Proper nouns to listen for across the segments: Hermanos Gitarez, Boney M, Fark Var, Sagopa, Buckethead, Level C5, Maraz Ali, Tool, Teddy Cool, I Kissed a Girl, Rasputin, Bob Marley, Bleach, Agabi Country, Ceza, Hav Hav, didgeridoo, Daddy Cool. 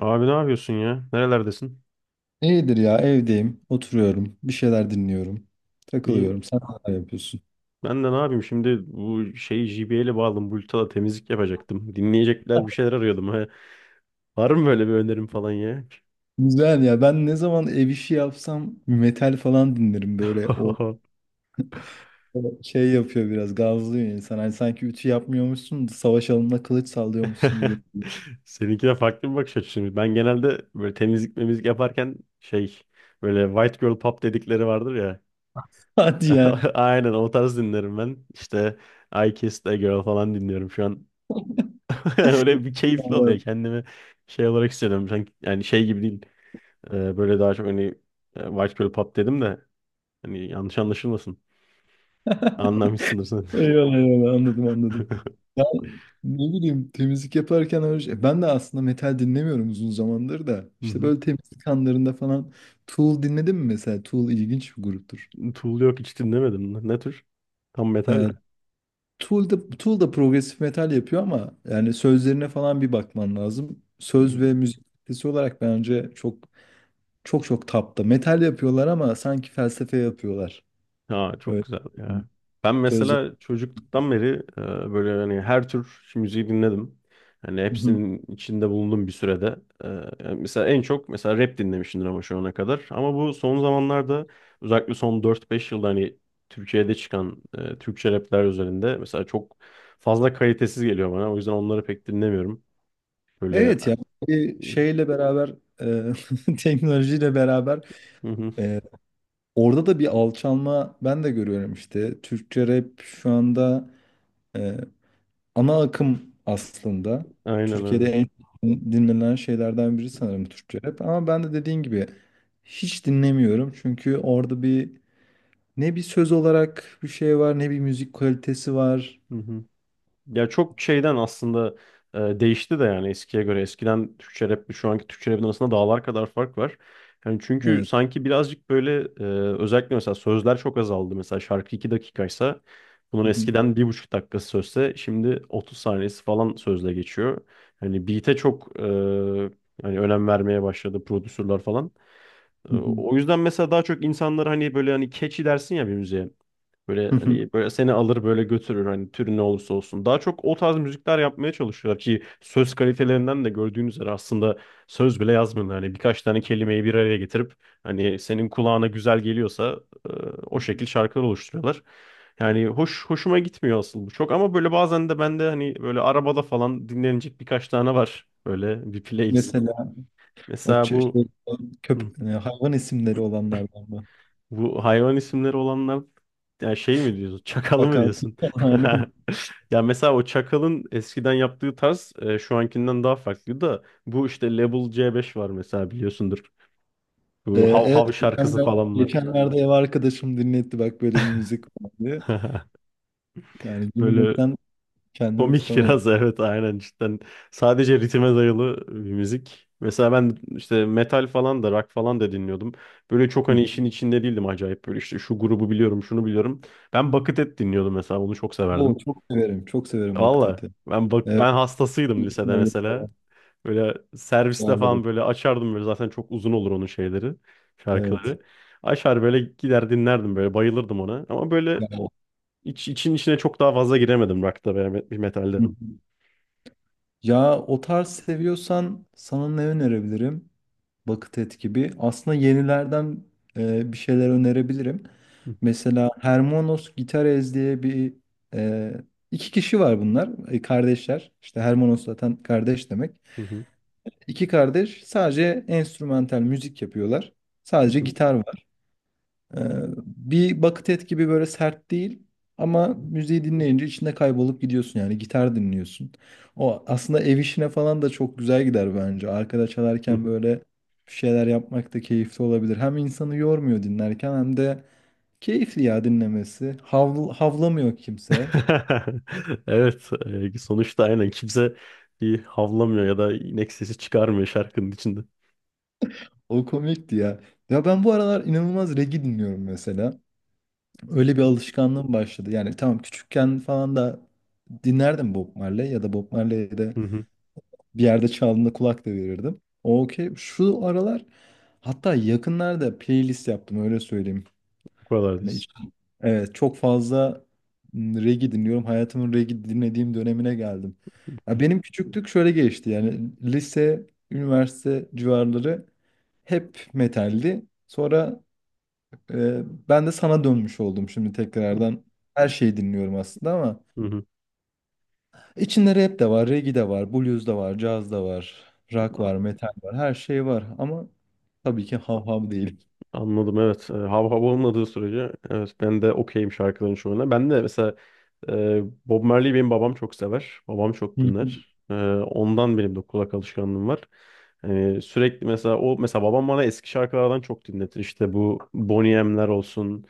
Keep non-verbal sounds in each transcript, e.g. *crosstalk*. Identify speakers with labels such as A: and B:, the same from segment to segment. A: Abi ne yapıyorsun ya? Nerelerdesin?
B: İyidir ya, evdeyim, oturuyorum, bir şeyler dinliyorum,
A: İyi.
B: takılıyorum. Sen ne yapıyorsun?
A: Ben de ne yapayım şimdi bu şeyi JBL'e bağladım. Bulut'a temizlik yapacaktım. Dinleyecekler bir şeyler arıyordum. He. Var mı böyle bir önerim falan ya?
B: Güzel ya, ben ne zaman ev işi yapsam metal falan dinlerim böyle o,
A: *laughs*
B: o şey yapıyor, biraz gazlıyor insan. Hani sanki ütü yapmıyormuşsun da savaş alanında kılıç sallıyormuşsun gibi.
A: Seninki de farklı bir bakış açısı. Ben genelde böyle temizlik memizlik yaparken şey, böyle white girl pop dedikleri vardır ya.
B: *laughs* Hadi ya.
A: *laughs* Aynen o tarz dinlerim ben. İşte I Kissed a Girl falan dinliyorum şu an. *laughs* Öyle bir keyifli oluyor,
B: Vallahi.
A: kendimi şey olarak hissediyorum. Yani şey gibi değil. Böyle daha çok hani, White Girl Pop dedim de, hani yanlış anlaşılmasın. Anlamışsındır sen.
B: Eyvallah, eyvallah, anladım anladım. Ya, ne bileyim, temizlik yaparken şey, ben de aslında metal dinlemiyorum uzun zamandır da.
A: *laughs* Hı
B: İşte
A: hı.
B: böyle temizlik anlarında falan Tool dinledim mi mesela? Tool ilginç bir gruptur.
A: Tool, yok hiç dinlemedim. Ne tür? Tam metal
B: Ee, Tool da progresif metal yapıyor, ama yani sözlerine falan bir bakman lazım. Söz ve
A: mi?
B: müzik kalitesi olarak bence çok çok tapta. Metal yapıyorlar ama sanki felsefe yapıyorlar.
A: Ya çok
B: Evet.
A: güzel ya. Ben
B: Sözler.
A: mesela çocukluktan beri böyle hani her tür müziği dinledim. Hani
B: Hı hı.
A: hepsinin içinde bulundum bir sürede. E, Yani mesela en çok mesela rap dinlemişimdir ama şu ana kadar. Ama bu son zamanlarda, özellikle son 4-5 yılda hani Türkiye'de çıkan Türkçe rapler üzerinde mesela çok fazla kalitesiz geliyor bana. O yüzden onları pek dinlemiyorum. Böyle.
B: Evet ya, bir şeyle beraber e, *laughs* teknolojiyle beraber
A: Hı hı.
B: e, orada da bir alçalma ben de görüyorum işte. Türkçe rap şu anda e, ana akım aslında.
A: Aynen
B: Türkiye'de
A: öyle.
B: en çok dinlenen şeylerden biri sanırım Türkçe rap. Ama ben de dediğin gibi hiç dinlemiyorum. Çünkü orada bir ne bir söz olarak bir şey var ne bir müzik kalitesi var.
A: Hı hı. Ya çok şeyden aslında değişti de, yani eskiye göre. Eskiden Türkçe rap şu anki Türkçe rapin arasında dağlar kadar fark var. Yani çünkü
B: Evet.
A: sanki birazcık böyle, özellikle mesela sözler çok azaldı. Mesela şarkı 2 dakikaysa, bunun
B: Hı hı,
A: eskiden 1,5 dakikası sözse, şimdi 30 saniyesi falan sözle geçiyor. Hani beat'e çok, hani önem vermeye başladı prodüsörler falan.
B: hı hı,
A: O yüzden mesela daha çok insanlar hani böyle hani catchy dersin ya bir müziğe. Böyle
B: hı hı.
A: hani böyle seni alır böyle götürür, hani türü ne olursa olsun. Daha çok o tarz müzikler yapmaya çalışıyorlar ki, söz kalitelerinden de gördüğünüz üzere, aslında söz bile yazmıyorlar. Hani birkaç tane kelimeyi bir araya getirip, hani senin kulağına güzel geliyorsa, e, o şekil şarkılar oluşturuyorlar. Yani hoş, hoşuma gitmiyor asıl bu çok, ama böyle bazen de bende hani böyle arabada falan dinlenecek birkaç tane var, böyle bir playlist.
B: Mesela o
A: Mesela
B: ç-
A: bu,
B: şey,
A: Hı.
B: hayvan isimleri olanlardan mı?
A: Bu hayvan isimleri olanlar, yani şey mi diyorsun? Çakalı mı
B: Çakal.
A: diyorsun?
B: *laughs* Aynen.
A: *laughs* Ya mesela o Çakal'ın eskiden yaptığı tarz, şu ankinden daha farklı da, bu işte Level C5 var mesela, biliyorsundur. Bu Hav
B: Evet,
A: Hav şarkısı falan var.
B: geçenlerde ev arkadaşım dinletti, bak böyle bir müzik vardı.
A: *laughs*
B: Yani
A: Böyle
B: gülmekten kendimi
A: komik
B: tutamadım.
A: biraz. *laughs* Evet, aynen, cidden. Sadece ritme dayalı bir müzik. Mesela ben işte metal falan da, rock falan da dinliyordum. Böyle çok hani işin içinde değildim acayip, böyle işte şu grubu biliyorum, şunu biliyorum. Ben Buckethead dinliyordum mesela, onu çok
B: Oo,
A: severdim.
B: çok severim. Çok severim
A: Valla
B: vakiteti.
A: ben, bak,
B: Evet.
A: ben hastasıydım lisede
B: Hayır falan.
A: mesela. Böyle serviste
B: Vardır.
A: falan böyle açardım, böyle zaten çok uzun olur onun şeyleri,
B: Evet.
A: şarkıları. Açar böyle gider dinlerdim, böyle bayılırdım ona. Ama böyle
B: Ya
A: için içine çok daha fazla giremedim rock'ta veya
B: hı
A: metalde.
B: hı, ya o tarz seviyorsan sana ne önerebilirim? Bakıtet gibi. Aslında yenilerden bir şeyler önerebilirim.
A: Hı hı,
B: Mesela Hermanos Gitarez diye bir e, iki kişi var bunlar. E, kardeşler. İşte Hermanos zaten kardeş demek.
A: hı hı,
B: İki kardeş sadece enstrümantal müzik yapıyorlar. Sadece
A: hı
B: gitar. Ee, bir bucket et gibi böyle sert değil ama müziği dinleyince içinde kaybolup gidiyorsun, yani gitar dinliyorsun. O aslında ev işine falan da çok güzel gider bence. Arkada çalarken
A: hı.
B: böyle bir şeyler yapmak da keyifli olabilir. Hem insanı yormuyor dinlerken hem de keyifli ya dinlemesi. Havl havlamıyor kimse.
A: *laughs* Evet, sonuçta aynen kimse bir havlamıyor ya da inek sesi çıkarmıyor şarkının içinde.
B: O komikti ya. Ya ben bu aralar inanılmaz reggae dinliyorum mesela. Öyle bir alışkanlığım başladı. Yani tamam, küçükken falan da dinlerdim Bob Marley. Ya da Bob Marley'de
A: Hı hı,
B: Bir yerde çaldığında kulak da verirdim. Okey. Şu aralar hatta yakınlarda playlist yaptım, öyle söyleyeyim.
A: bu kadar
B: Hani hiç-
A: diyorsun.
B: evet, çok fazla reggae dinliyorum. Hayatımın reggae dinlediğim dönemine geldim. Ya benim küçüklük şöyle geçti. Yani lise, üniversite civarları hep metaldi. Sonra e, ben de sana dönmüş oldum şimdi tekrardan. Her şeyi dinliyorum aslında ama
A: Hı hı.
B: İçinde rap de var, reggae de var, blues da var, caz da var, rock var, metal var, her şey var ama tabii ki hav hav değil.
A: Anladım, evet. Hav Hav olmadığı sürece, evet, ben de okeyim şarkıların çoğuna. Ben de mesela, Bob Marley, benim babam çok sever. Babam çok
B: Hı hı. *laughs*
A: dinler. Ondan benim de kulak alışkanlığım var. Sürekli mesela, o mesela babam bana eski şarkılardan çok dinletir. İşte bu Boney M'ler olsun.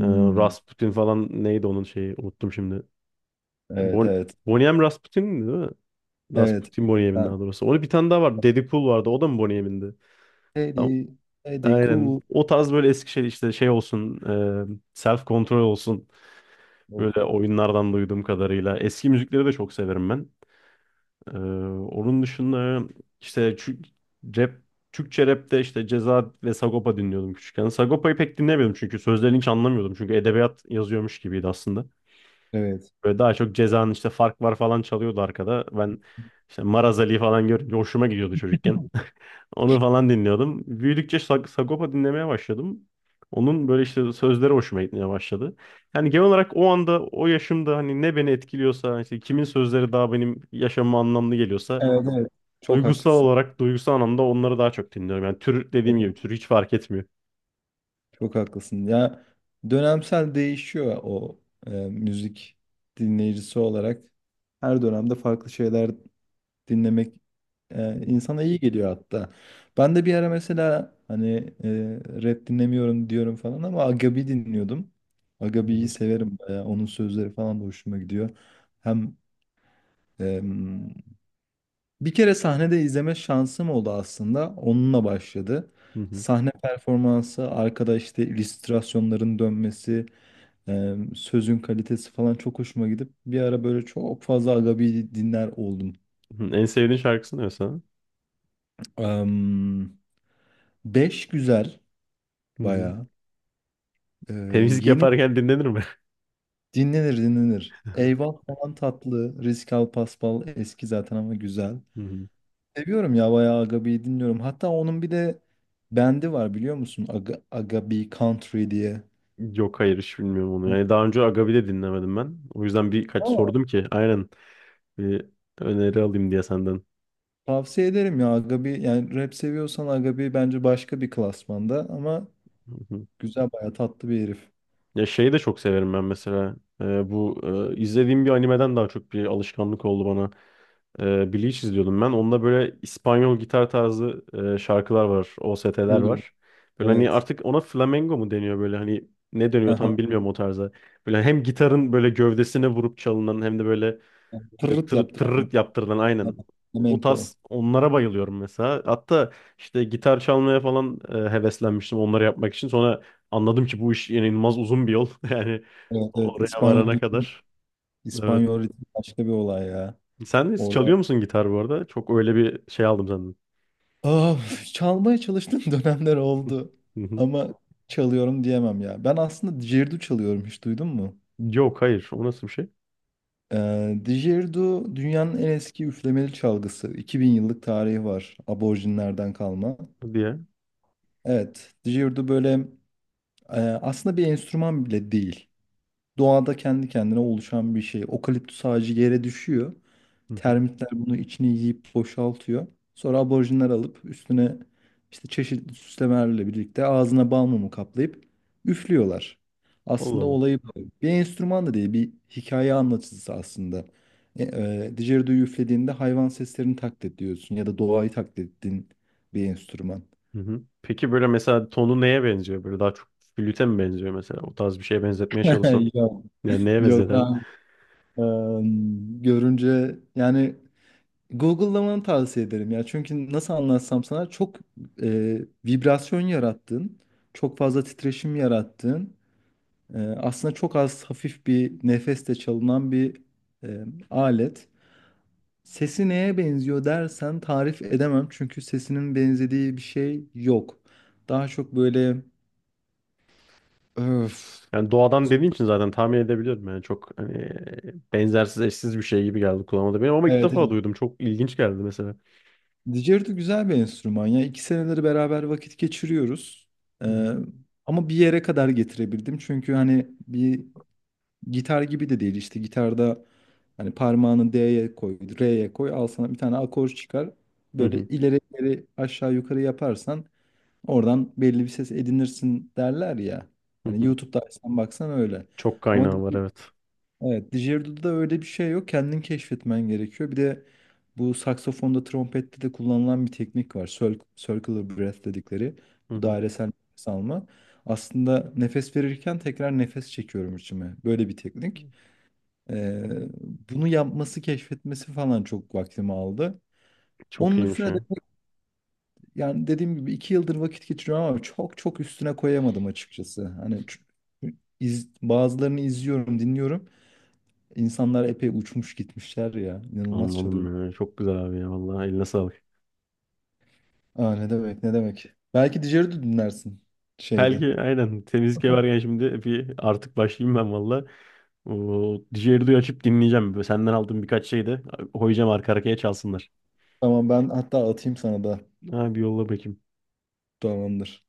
A: E, Rasputin falan, neydi onun şeyi, unuttum şimdi.
B: Evet,
A: Bon
B: evet,
A: Boney M Rasputin değil mi?
B: evet.
A: Rasputin Boney M'in,
B: Ben
A: daha doğrusu. Onun bir tane daha var. Daddy Cool vardı. O da mı Boney M'indi?
B: Teddy, Teddy
A: Aynen.
B: Cool.
A: O tarz böyle, Eskişehir işte şey olsun, self kontrol olsun.
B: Of.
A: Böyle oyunlardan duyduğum kadarıyla. Eski müzikleri de çok severim ben. E, Onun dışında işte rap, Türkçe rapte işte Ceza ve Sagopa dinliyordum küçükken. Sagopa'yı pek dinlemiyordum çünkü sözlerini hiç anlamıyordum. Çünkü edebiyat yazıyormuş gibiydi aslında.
B: Evet,
A: Böyle daha çok Ceza'nın işte Fark Var falan çalıyordu arkada. Ben işte Maraz Ali falan görünce hoşuma gidiyordu çocukken. Onu falan dinliyordum. Büyüdükçe Sagopa dinlemeye başladım. Onun böyle işte sözleri hoşuma gitmeye başladı. Yani genel olarak, o anda, o yaşımda hani ne beni etkiliyorsa, işte kimin sözleri daha benim yaşamıma anlamlı geliyorsa,
B: evet, evet. Çok
A: duygusal
B: haklısın.
A: olarak, duygusal anlamda onları daha çok dinliyorum. Yani tür,
B: Çok,
A: dediğim gibi tür hiç fark etmiyor.
B: çok haklısın. Ya, dönemsel değişiyor o müzik dinleyicisi olarak. Her dönemde farklı şeyler dinlemek
A: Hı
B: insana iyi geliyor hatta. Ben de bir ara mesela hani rap dinlemiyorum diyorum falan ama Agabi dinliyordum. Agabi'yi
A: hı,
B: severim bayağı. Onun sözleri falan da hoşuma gidiyor. Hem e, bir kere sahnede izleme şansım oldu aslında. Onunla başladı.
A: hı hı, hı
B: Sahne performansı, arkada işte illüstrasyonların dönmesi, sözün kalitesi falan çok hoşuma gidip bir ara böyle çok fazla Agabi dinler oldum.
A: hı. En sevdiğin şarkısı ne mesela?
B: Em, Beş güzel
A: Hı hı.
B: bayağı. Ee,
A: Temizlik
B: yeni
A: yaparken dinlenir mi?
B: dinlenir dinlenir. Eyvah
A: *laughs*
B: falan tatlı. Risk al paspal eski zaten ama güzel.
A: Hı hı.
B: Seviyorum ya, bayağı Agabi'yi dinliyorum. Hatta onun bir de bendi var, biliyor musun? Agabi Country diye.
A: Yok, hayır, hiç bilmiyorum onu. Yani daha önce Agabi'de dinlemedim ben. O yüzden birkaç
B: Aa.
A: sordum ki, aynen, bir öneri alayım diye senden.
B: Tavsiye ederim ya Agabi. Yani rap seviyorsan Agabi bence başka bir klasmanda ama
A: Hı hı.
B: güzel, bayağı tatlı bir herif.
A: Ya, şeyi de çok severim ben mesela. Bu, izlediğim bir animeden daha çok bir alışkanlık oldu bana. Bleach izliyordum ben. Onda böyle İspanyol gitar tarzı, şarkılar var. OST'ler
B: Uyuyor.
A: var. Böyle hani
B: Evet.
A: artık ona flamenco mu deniyor, böyle hani ne dönüyor
B: Aha.
A: tam bilmiyorum o tarza. Böyle hem gitarın böyle gövdesine vurup çalınan, hem de böyle, böyle
B: Tırırt
A: tırıt
B: yaptı ama.
A: tırırt yaptırılan, aynen. O
B: Flamenco.
A: tarz, onlara bayılıyorum mesela. Hatta işte gitar çalmaya falan heveslenmiştim onları yapmak için. Sonra anladım ki bu iş inanılmaz uzun bir yol. *laughs* Yani
B: Evet, evet.
A: oraya varana
B: İspanyol
A: kadar. Evet.
B: İspanyol ritmi başka bir olay ya.
A: Sen de
B: Orada
A: çalıyor musun gitar bu arada? Çok öyle bir şey aldım senden.
B: ah, çalmaya çalıştığım *laughs* dönemler oldu.
A: Hı hı.
B: Ama çalıyorum diyemem ya. Ben aslında didgeridoo çalıyorum, hiç duydun mu?
A: Yok, hayır. O nasıl bir şey?
B: Didgeridoo dünyanın en eski üflemeli çalgısı. 2000 yıllık tarihi var. Aborjinlerden kalma.
A: Hadi ya.
B: Evet, didgeridoo böyle aslında bir enstrüman bile değil. Doğada kendi kendine oluşan bir şey. Okaliptüs ağacı yere düşüyor.
A: Hı hı.
B: Termitler bunu, içini yiyip boşaltıyor. Sonra aborjinler alıp üstüne işte çeşitli süslemelerle birlikte ağzına bal mumu kaplayıp üflüyorlar.
A: Allah
B: Aslında
A: Allah.
B: olayı bu. Bir enstrüman da değil, bir hikaye anlatıcısı aslında. Didgeridoo'yu üflediğinde hayvan seslerini taklit ediyorsun ya da doğayı taklit ettiğin bir enstrüman.
A: Hı hı. Peki böyle mesela tonu neye benziyor? Böyle daha çok flüte mi benziyor mesela? O tarz bir şeye benzetmeye çalışsan.
B: *laughs* Yok.
A: Yani neye benzer?
B: Yok. Ha, görünce yani Google'lamanı tavsiye ederim ya. Çünkü nasıl anlatsam sana, çok e, vibrasyon yarattığın, çok fazla titreşim yarattığın, aslında çok az, hafif bir nefeste çalınan bir e, alet. Sesi neye benziyor dersen tarif edemem, çünkü sesinin benzediği bir şey yok. Daha çok böyle öf.
A: Yani doğadan dediğin için zaten tahmin edebiliyorum. Yani çok hani, benzersiz, eşsiz bir şey gibi geldi kulağıma da benim, ama ilk
B: Evet,
A: defa
B: evet.
A: duydum. Çok ilginç geldi mesela.
B: Didgeridoo güzel bir enstrüman ya. İki seneleri beraber vakit geçiriyoruz.
A: Hı
B: Ee,
A: hı.
B: ama bir yere kadar getirebildim. Çünkü hani bir gitar gibi de değil, işte gitarda hani parmağını D'ye koy, R'ye koy, al sana bir tane akor çıkar.
A: Hı
B: Böyle
A: hı.
B: ileri ileri aşağı yukarı yaparsan oradan belli bir ses edinirsin derler ya.
A: Hı
B: Hani
A: hı.
B: YouTube'da açsan baksan öyle.
A: Çok
B: Ama di-
A: kaynağı var, evet.
B: evet, didgerido'da öyle bir şey yok. Kendin keşfetmen gerekiyor. Bir de bu saksafonda, trompette de kullanılan bir teknik var. Circular breath dedikleri.
A: Hı
B: Bu
A: hı.
B: dairesel nefes alma. Aslında nefes verirken tekrar nefes çekiyorum içime. Böyle bir teknik. Ee, bunu yapması, keşfetmesi falan çok vaktimi aldı.
A: Çok
B: Onun
A: iyiymiş
B: üstüne de
A: ya.
B: yani dediğim gibi iki yıldır vakit geçiriyorum ama çok çok üstüne koyamadım açıkçası. Bazılarını izliyorum, dinliyorum. İnsanlar epey uçmuş gitmişler ya. İnanılmaz çalıyor.
A: Anladım ya. Çok güzel abi ya, vallahi eline sağlık.
B: Aa, ne demek, ne demek. Belki Dijer'i de dinlersin şeyde.
A: Belki aynen, temizlik
B: *laughs*
A: varken şimdi bir artık başlayayım ben valla. O Dijerdu'yu açıp dinleyeceğim. Böyle senden aldığım birkaç şeyi de koyacağım, arka arkaya çalsınlar.
B: Tamam, ben hatta atayım sana da.
A: Ha, bir yolla bakayım.
B: Tamamdır.